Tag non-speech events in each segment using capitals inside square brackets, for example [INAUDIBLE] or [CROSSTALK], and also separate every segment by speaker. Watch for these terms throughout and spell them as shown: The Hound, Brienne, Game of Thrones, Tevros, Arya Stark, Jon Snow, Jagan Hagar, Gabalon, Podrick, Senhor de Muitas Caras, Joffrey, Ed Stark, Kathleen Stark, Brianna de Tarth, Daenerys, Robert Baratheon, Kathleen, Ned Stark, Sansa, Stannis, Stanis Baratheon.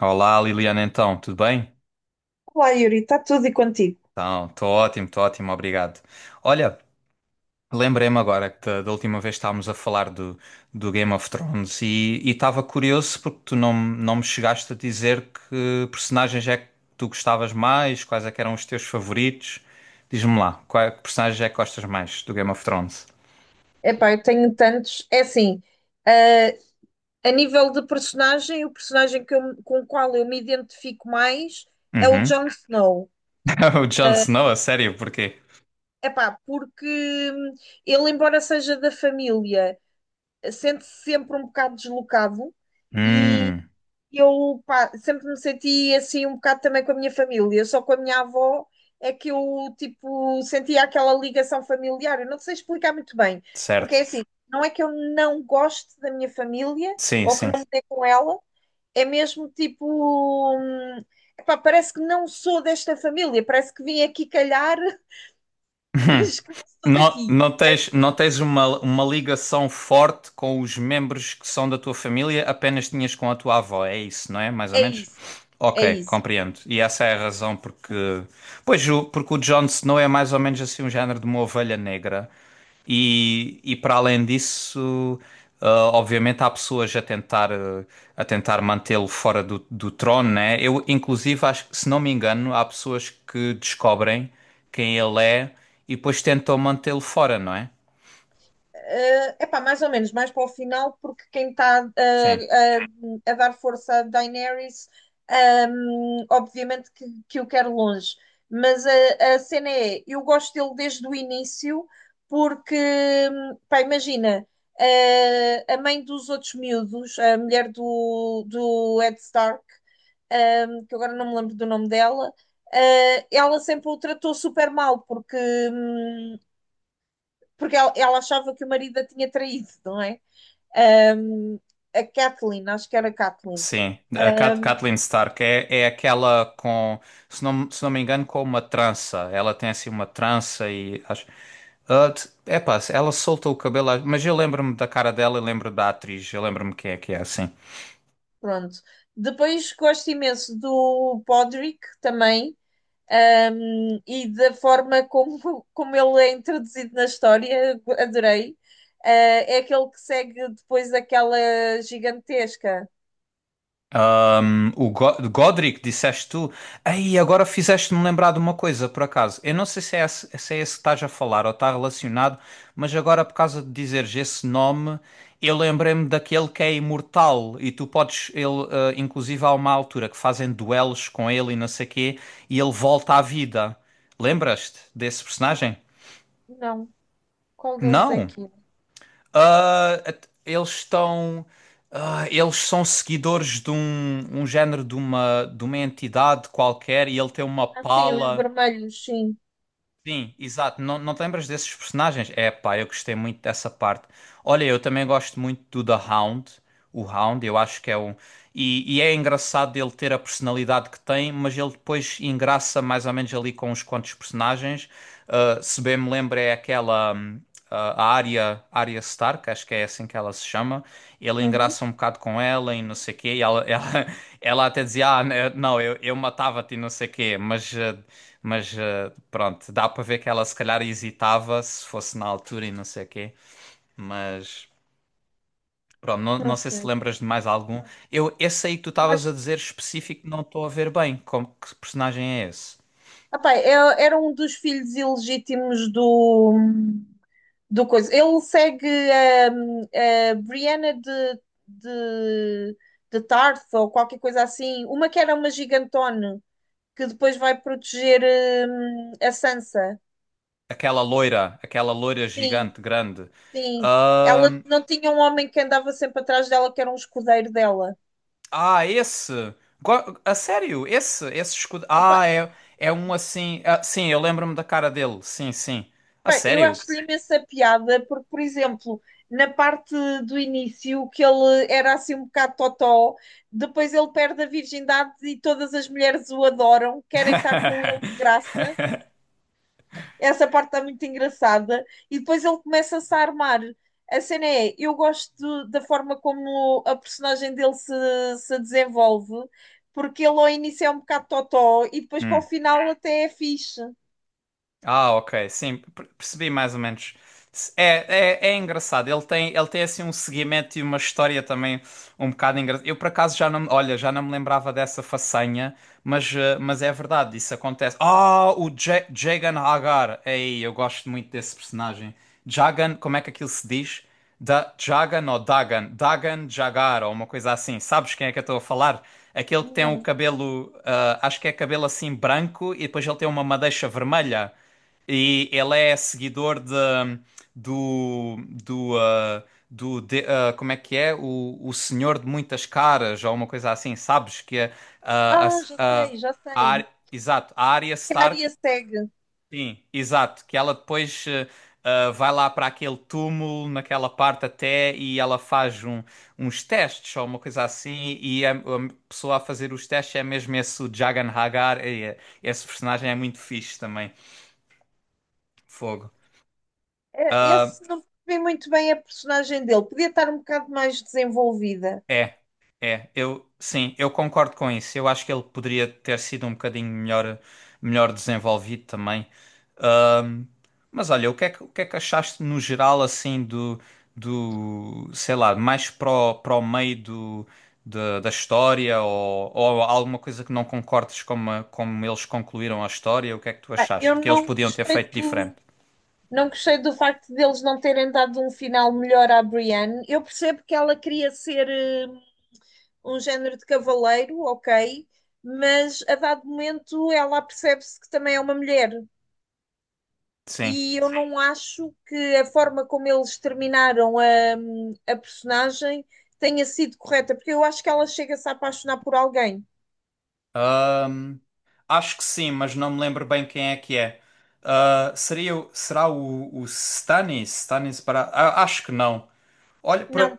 Speaker 1: Olá Liliana, então, tudo bem?
Speaker 2: Olá, Yuri, está tudo e contigo?
Speaker 1: Então, estou ótimo, obrigado. Olha, lembrei-me agora que da última vez estávamos a falar do Game of Thrones e estava curioso porque tu não me chegaste a dizer que personagens é que tu gostavas mais, quais é que eram os teus favoritos. Diz-me lá, qual, é, que personagens é que gostas mais do Game of Thrones?
Speaker 2: Epá, eu tenho tantos. É assim, eh, a nível de personagem, o personagem que eu- com o qual eu me identifico mais é o
Speaker 1: Uhum.
Speaker 2: Jon Snow.
Speaker 1: [LAUGHS] O Jon
Speaker 2: Ah,
Speaker 1: Snow, a sério, porquê?
Speaker 2: Epá, porque hum, ele, embora seja da família, sente-se sempre um bocado deslocado.
Speaker 1: Hum,
Speaker 2: Eu pá, sempre me senti assim um bocado também com a minha família, só com a minha avó é que eu tipo sentia aquela ligação familiar. Eu não sei explicar muito bem, porque é
Speaker 1: certo.
Speaker 2: assim, não é que eu não goste da minha família
Speaker 1: Sim,
Speaker 2: ou que
Speaker 1: sim.
Speaker 2: não me dê com ela, é mesmo tipo, hum, epá, parece que não sou desta família, parece que vim aqui calhar, [LAUGHS]
Speaker 1: [LAUGHS]
Speaker 2: mas que não sou
Speaker 1: Não,
Speaker 2: daqui.
Speaker 1: não tens, não tens uma ligação forte com os membros que são da tua família, apenas tinhas com a tua avó, é isso, não é? Mais ou
Speaker 2: É
Speaker 1: menos?
Speaker 2: isso, é
Speaker 1: Ok,
Speaker 2: isso.
Speaker 1: compreendo. E essa é a razão porque. Pois, porque o Jon Snow é mais ou menos assim um género de uma ovelha negra. E para além disso, obviamente há pessoas a tentar, a tentar mantê-lo fora do trono, né? Eu, inclusive, acho que, se não me engano, há pessoas que descobrem quem ele é e depois tentam mantê-lo fora, não é?
Speaker 2: É epá, mais ou menos, mais para o final, porque quem está
Speaker 1: Sim.
Speaker 2: a dar força a Daenerys, obviamente que o quer longe. Mas a cena é, eu gosto dele desde o início, porque, pá, imagina, a mãe dos outros miúdos, a mulher do, do Ed Stark, que agora não me lembro do nome dela. Ela sempre o tratou super mal, porque hum, porque ela achava que o marido a tinha traído, não é? Um, a Kathleen, acho que era a Kathleen.
Speaker 1: Sim, a
Speaker 2: Um,
Speaker 1: Kathleen Stark é, é aquela com, se não me engano, com uma trança. Ela tem assim uma trança e acho. Ah, epá, ela solta o cabelo, mas eu lembro-me da cara dela e lembro da atriz, eu lembro-me quem é que é assim.
Speaker 2: pronto. Depois gosto imenso do Podrick também. E da forma como, como ele é introduzido na história, adorei. É aquele que segue depois aquela gigantesca.
Speaker 1: O Godric, disseste tu. Aí, agora fizeste-me lembrar de uma coisa, por acaso. Eu não sei se é esse, se é esse que estás a falar ou está relacionado, mas agora, por causa de dizeres esse nome, eu lembrei-me daquele que é imortal e tu podes, ele, inclusive, há uma altura que fazem duelos com ele e não sei quê, e ele volta à vida. Lembras-te desse personagem?
Speaker 2: Não, qual deles é
Speaker 1: Não.
Speaker 2: que é?
Speaker 1: Ah, eles estão. Eles são seguidores de um, um género de uma entidade qualquer e ele tem uma
Speaker 2: Ah, sim, os
Speaker 1: pala.
Speaker 2: vermelhos, sim.
Speaker 1: Sim, exato. Não, não te lembras desses personagens? É, pá, eu gostei muito dessa parte. Olha, eu também gosto muito do The Hound. O Hound, eu acho que é um. E é engraçado ele ter a personalidade que tem, mas ele depois engraça mais ou menos ali com uns quantos personagens. Ah, se bem me lembro, é aquela. Hum, a Arya, Arya Stark, acho que é assim que ela se chama. Ele
Speaker 2: Uhum,
Speaker 1: engraça um bocado com ela e não sei o quê. E ela, [LAUGHS] ela até dizia: Ah, né, não, eu matava-te e não sei o quê. Mas pronto, dá para ver que ela se calhar hesitava se fosse na altura e não sei o quê. Mas pronto, não,
Speaker 2: não
Speaker 1: não sei se te
Speaker 2: sei.
Speaker 1: lembras de mais algum. Eu, esse aí que tu estavas a
Speaker 2: Gosto.
Speaker 1: dizer específico, não estou a ver bem. Como, que personagem é esse?
Speaker 2: Epá, era um dos filhos ilegítimos do, do coisa. Ele segue hum, a Brianna de, de Tarth ou qualquer coisa assim. Uma que era uma gigantona que depois vai proteger, a Sansa.
Speaker 1: Aquela loira
Speaker 2: Sim,
Speaker 1: gigante, grande.
Speaker 2: sim. Ela
Speaker 1: Ahm,
Speaker 2: não tinha um homem que andava sempre atrás dela, que era um escudeiro dela.
Speaker 1: ah, esse. A sério, esse escudo. Ah, é, é um assim. Ah, sim, eu lembro-me da cara dele. Sim, sim. A
Speaker 2: Bem, eu
Speaker 1: sério.
Speaker 2: acho imensa piada, porque, por exemplo, na parte do início, que ele era assim um bocado totó, depois ele perde a virgindade e todas as mulheres o adoram, querem estar com ele de graça.
Speaker 1: [LAUGHS]
Speaker 2: Essa parte está muito engraçada. E depois ele começa-se a armar. A cena é, eu gosto da forma como a personagem dele se, se desenvolve, porque ele ao início é um bocado totó e depois para o
Speaker 1: Hum.
Speaker 2: final até é fixe.
Speaker 1: Ah, ok, sim, percebi mais ou menos. É, é, é engraçado, ele tem assim um seguimento e uma história também um bocado engraçada. Eu por acaso já não, olha, já não me lembrava dessa façanha, mas, mas é verdade, isso acontece. Ah, o Jagan Hagar, ei, eu gosto muito desse personagem. Jagan, como é que aquilo se diz? Da, Jagan ou Dagan? Dagan Jagar ou uma coisa assim, sabes quem é que eu estou a falar? Aquele que tem o
Speaker 2: Não.
Speaker 1: cabelo, ah, acho que é cabelo assim branco e depois ele tem uma madeixa vermelha. E ele é seguidor de, do, do ah, do ah, como é que é? O Senhor de Muitas Caras, ou uma coisa assim, sabes? Que é, ah,
Speaker 2: Ah, já sei, já
Speaker 1: a
Speaker 2: sei.
Speaker 1: Exato, a Arya
Speaker 2: Que a
Speaker 1: Stark,
Speaker 2: área segue.
Speaker 1: sim, exato, que ela depois ah, ah, vai lá para aquele túmulo, naquela parte até, e ela faz um, uns testes, ou uma coisa assim, e a pessoa a fazer os testes é mesmo esse o Jagan Hagar, e, esse personagem é muito fixe também, fogo.
Speaker 2: É, esse não percebi muito bem a personagem dele. Podia estar um bocado mais desenvolvida.
Speaker 1: É, é, eu sim, eu concordo com isso. Eu acho que ele poderia ter sido um bocadinho melhor, melhor desenvolvido também. Ahm, mas olha, o que é que achaste no geral assim do, do, sei lá, mais para o, para o meio do, da história ou alguma coisa que não concordes como, como eles concluíram a história? O que é que tu
Speaker 2: Pá, eu
Speaker 1: achaste? Que eles
Speaker 2: não
Speaker 1: podiam ter
Speaker 2: gostei
Speaker 1: feito diferente?
Speaker 2: do. Não gostei do facto deles não terem dado um final melhor à Brienne. Eu percebo que ela queria ser, um género de cavaleiro, ok, mas a dado momento ela percebe-se que também é uma mulher.
Speaker 1: Sim.
Speaker 2: E eu não acho que a forma como eles terminaram a personagem tenha sido correta, porque eu acho que ela chega-se a apaixonar por alguém.
Speaker 1: Ahm, acho que sim, mas não me lembro bem quem é que é. Ah, seria, será o Stanis? Stanis Baratheon? Acho que não. Olha para.
Speaker 2: Não,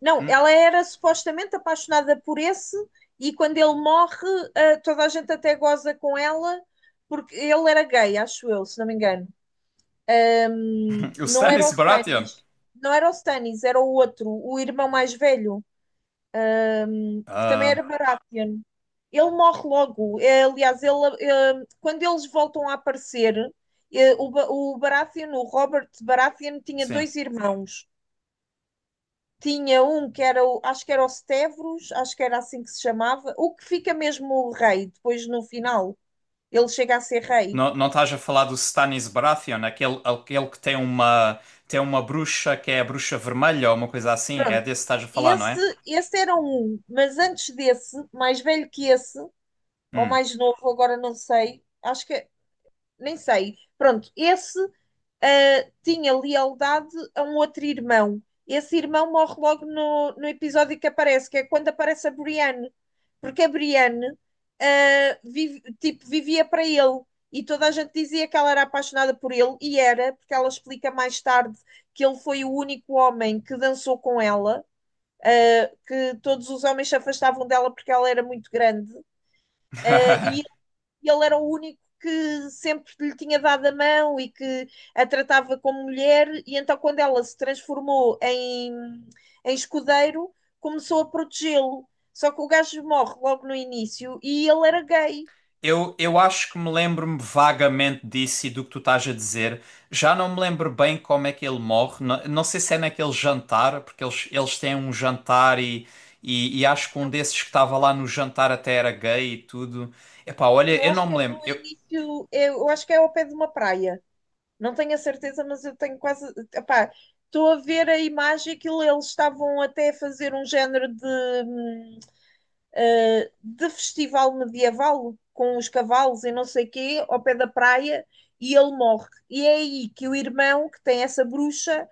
Speaker 2: não, ela
Speaker 1: [CLEARS THROAT]
Speaker 2: era supostamente apaixonada por esse, e quando ele morre, ah, toda a gente até goza com ela, porque ele era gay, acho eu, se não me engano.
Speaker 1: O
Speaker 2: Não era o
Speaker 1: Stanis Baratheon?
Speaker 2: Stannis, não era o Stannis, era o outro, o irmão mais velho, que também
Speaker 1: Ah,
Speaker 2: era Baratheon. Ele morre logo. Aliás, ele, quando eles voltam a aparecer, o Baratheon, o Robert Baratheon, tinha
Speaker 1: sim.
Speaker 2: dois irmãos. Tinha um que era o, acho que era os Tevros, acho que era assim que se chamava, o que fica mesmo o rei, depois no final, ele chega a ser rei.
Speaker 1: Não, não estás a falar do Stanis Baratheon, aquele, aquele que tem uma bruxa que é a bruxa vermelha ou uma coisa assim? É
Speaker 2: Pronto,
Speaker 1: desse que estás a falar, não é?
Speaker 2: esse, esse era um, mas antes desse, mais velho que esse, ou
Speaker 1: Hum.
Speaker 2: mais novo, agora não sei, acho que nem sei. Pronto, esse tinha lealdade a um outro irmão. Esse irmão morre logo no, no episódio que aparece, que é quando aparece a Brienne. Porque a Brienne, tipo, vivia para ele. E toda a gente dizia que ela era apaixonada por ele, e era, porque ela explica mais tarde que ele foi o único homem que dançou com ela, ah, que todos os homens se afastavam dela porque ela era muito grande, ah, e
Speaker 1: [LAUGHS]
Speaker 2: e ele era o único que sempre lhe tinha dado a mão e que a tratava como mulher, e então quando ela se transformou em, em escudeiro, começou a protegê-lo. Só que o gajo morre logo no início e ele era gay.
Speaker 1: Eu acho que me lembro-me vagamente disso e do que tu estás a dizer. Já não me lembro bem como é que ele morre. Não, não sei se é naquele jantar, porque eles têm um jantar e acho que um desses que estava lá no jantar até era gay e tudo. Epá, olha,
Speaker 2: Eu
Speaker 1: eu não
Speaker 2: acho que
Speaker 1: me
Speaker 2: é no
Speaker 1: lembro. Eu...
Speaker 2: início, eu acho que é ao pé de uma praia. Não tenho a certeza, mas eu tenho quase. Epá, estou a ver a imagem que eles estavam até a fazer um género hum, de festival medieval com os cavalos e não sei quê, ao pé da praia, e ele morre. E é aí que o irmão, que tem essa bruxa,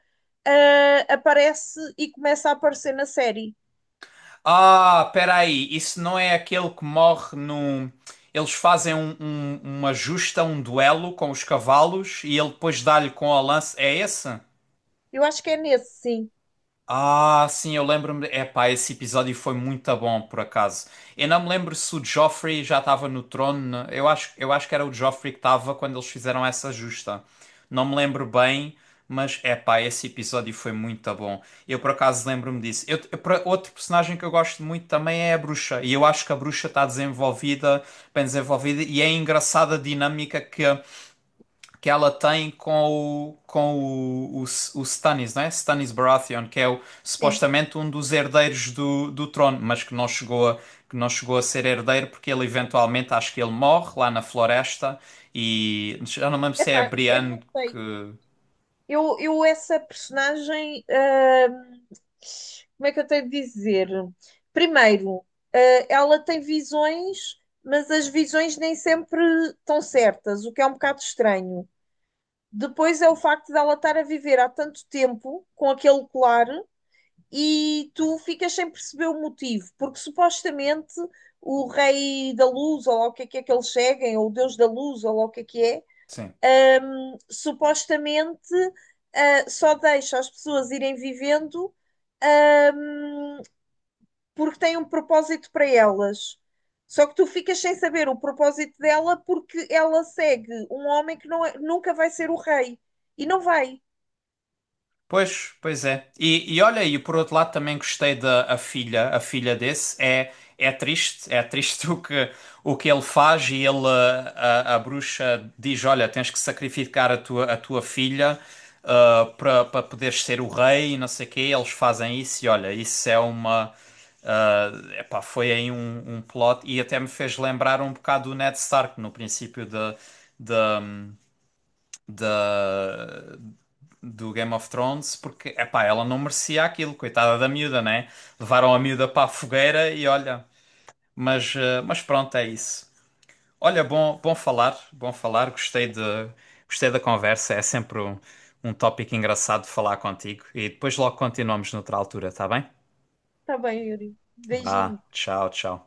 Speaker 2: aparece e começa a aparecer na série.
Speaker 1: Ah, peraí, isso não é aquele que morre no. Eles fazem uma justa, um duelo com os cavalos e ele depois dá-lhe com a lança. É esse?
Speaker 2: Eu acho que é nesse, sim.
Speaker 1: Ah, sim, eu lembro-me. Epá, esse episódio foi muito bom, por acaso. Eu não me lembro se o Joffrey já estava no trono. Eu acho que era o Joffrey que estava quando eles fizeram essa justa. Não me lembro bem, mas epá, esse episódio foi muito bom. Eu, por acaso, lembro-me disso. Outro personagem que eu gosto muito também é a bruxa. E eu acho que a bruxa está desenvolvida, bem desenvolvida, e é engraçada a dinâmica que ela tem com o, com o Stannis, né? Stannis Baratheon, que é o,
Speaker 2: Sim.
Speaker 1: supostamente um dos herdeiros do trono, mas que não chegou a ser herdeiro porque ele eventualmente, acho que ele morre lá na floresta e já não me lembro se é a
Speaker 2: Epá, eu
Speaker 1: Brienne
Speaker 2: não sei.
Speaker 1: que...
Speaker 2: Eu essa personagem, como é que eu tenho de dizer? Primeiro, ela tem visões, mas as visões nem sempre estão certas, o que é um bocado estranho. Depois é o facto dela estar a viver há tanto tempo com aquele colar e tu ficas sem perceber o motivo, porque supostamente o rei da luz, ou lá o que é que é que eles seguem, ou o deus da luz, ou lá o que
Speaker 1: Sim.
Speaker 2: é, supostamente só deixa as pessoas irem vivendo, hum, porque tem um propósito para elas. Só que tu ficas sem saber o propósito dela porque ela segue um homem que nunca vai ser o rei. E não vai.
Speaker 1: Pois, pois é. E olha aí, por outro lado também gostei da a filha desse é é triste [LAUGHS] o que ele faz e ele eh, a bruxa diz, olha, tens que sacrificar a tua filha ah, para para poderes ser o rei e não sei o quê. Eles fazem isso e olha, isso é uma ah, epá, foi aí um plot e até me fez lembrar um bocado do Ned Stark no princípio da da, do Game of Thrones porque, epá, ela não merecia aquilo, coitada da miúda, né? Levaram a miúda para a fogueira e olha, mas, mas pronto, é isso. Olha, bom, bom falar, gostei de, gostei da conversa, é sempre um, um tópico engraçado de falar contigo e depois logo continuamos noutra altura, tá bem?
Speaker 2: Tá bom, Yuri. Beijinho.
Speaker 1: Vá, tchau, tchau.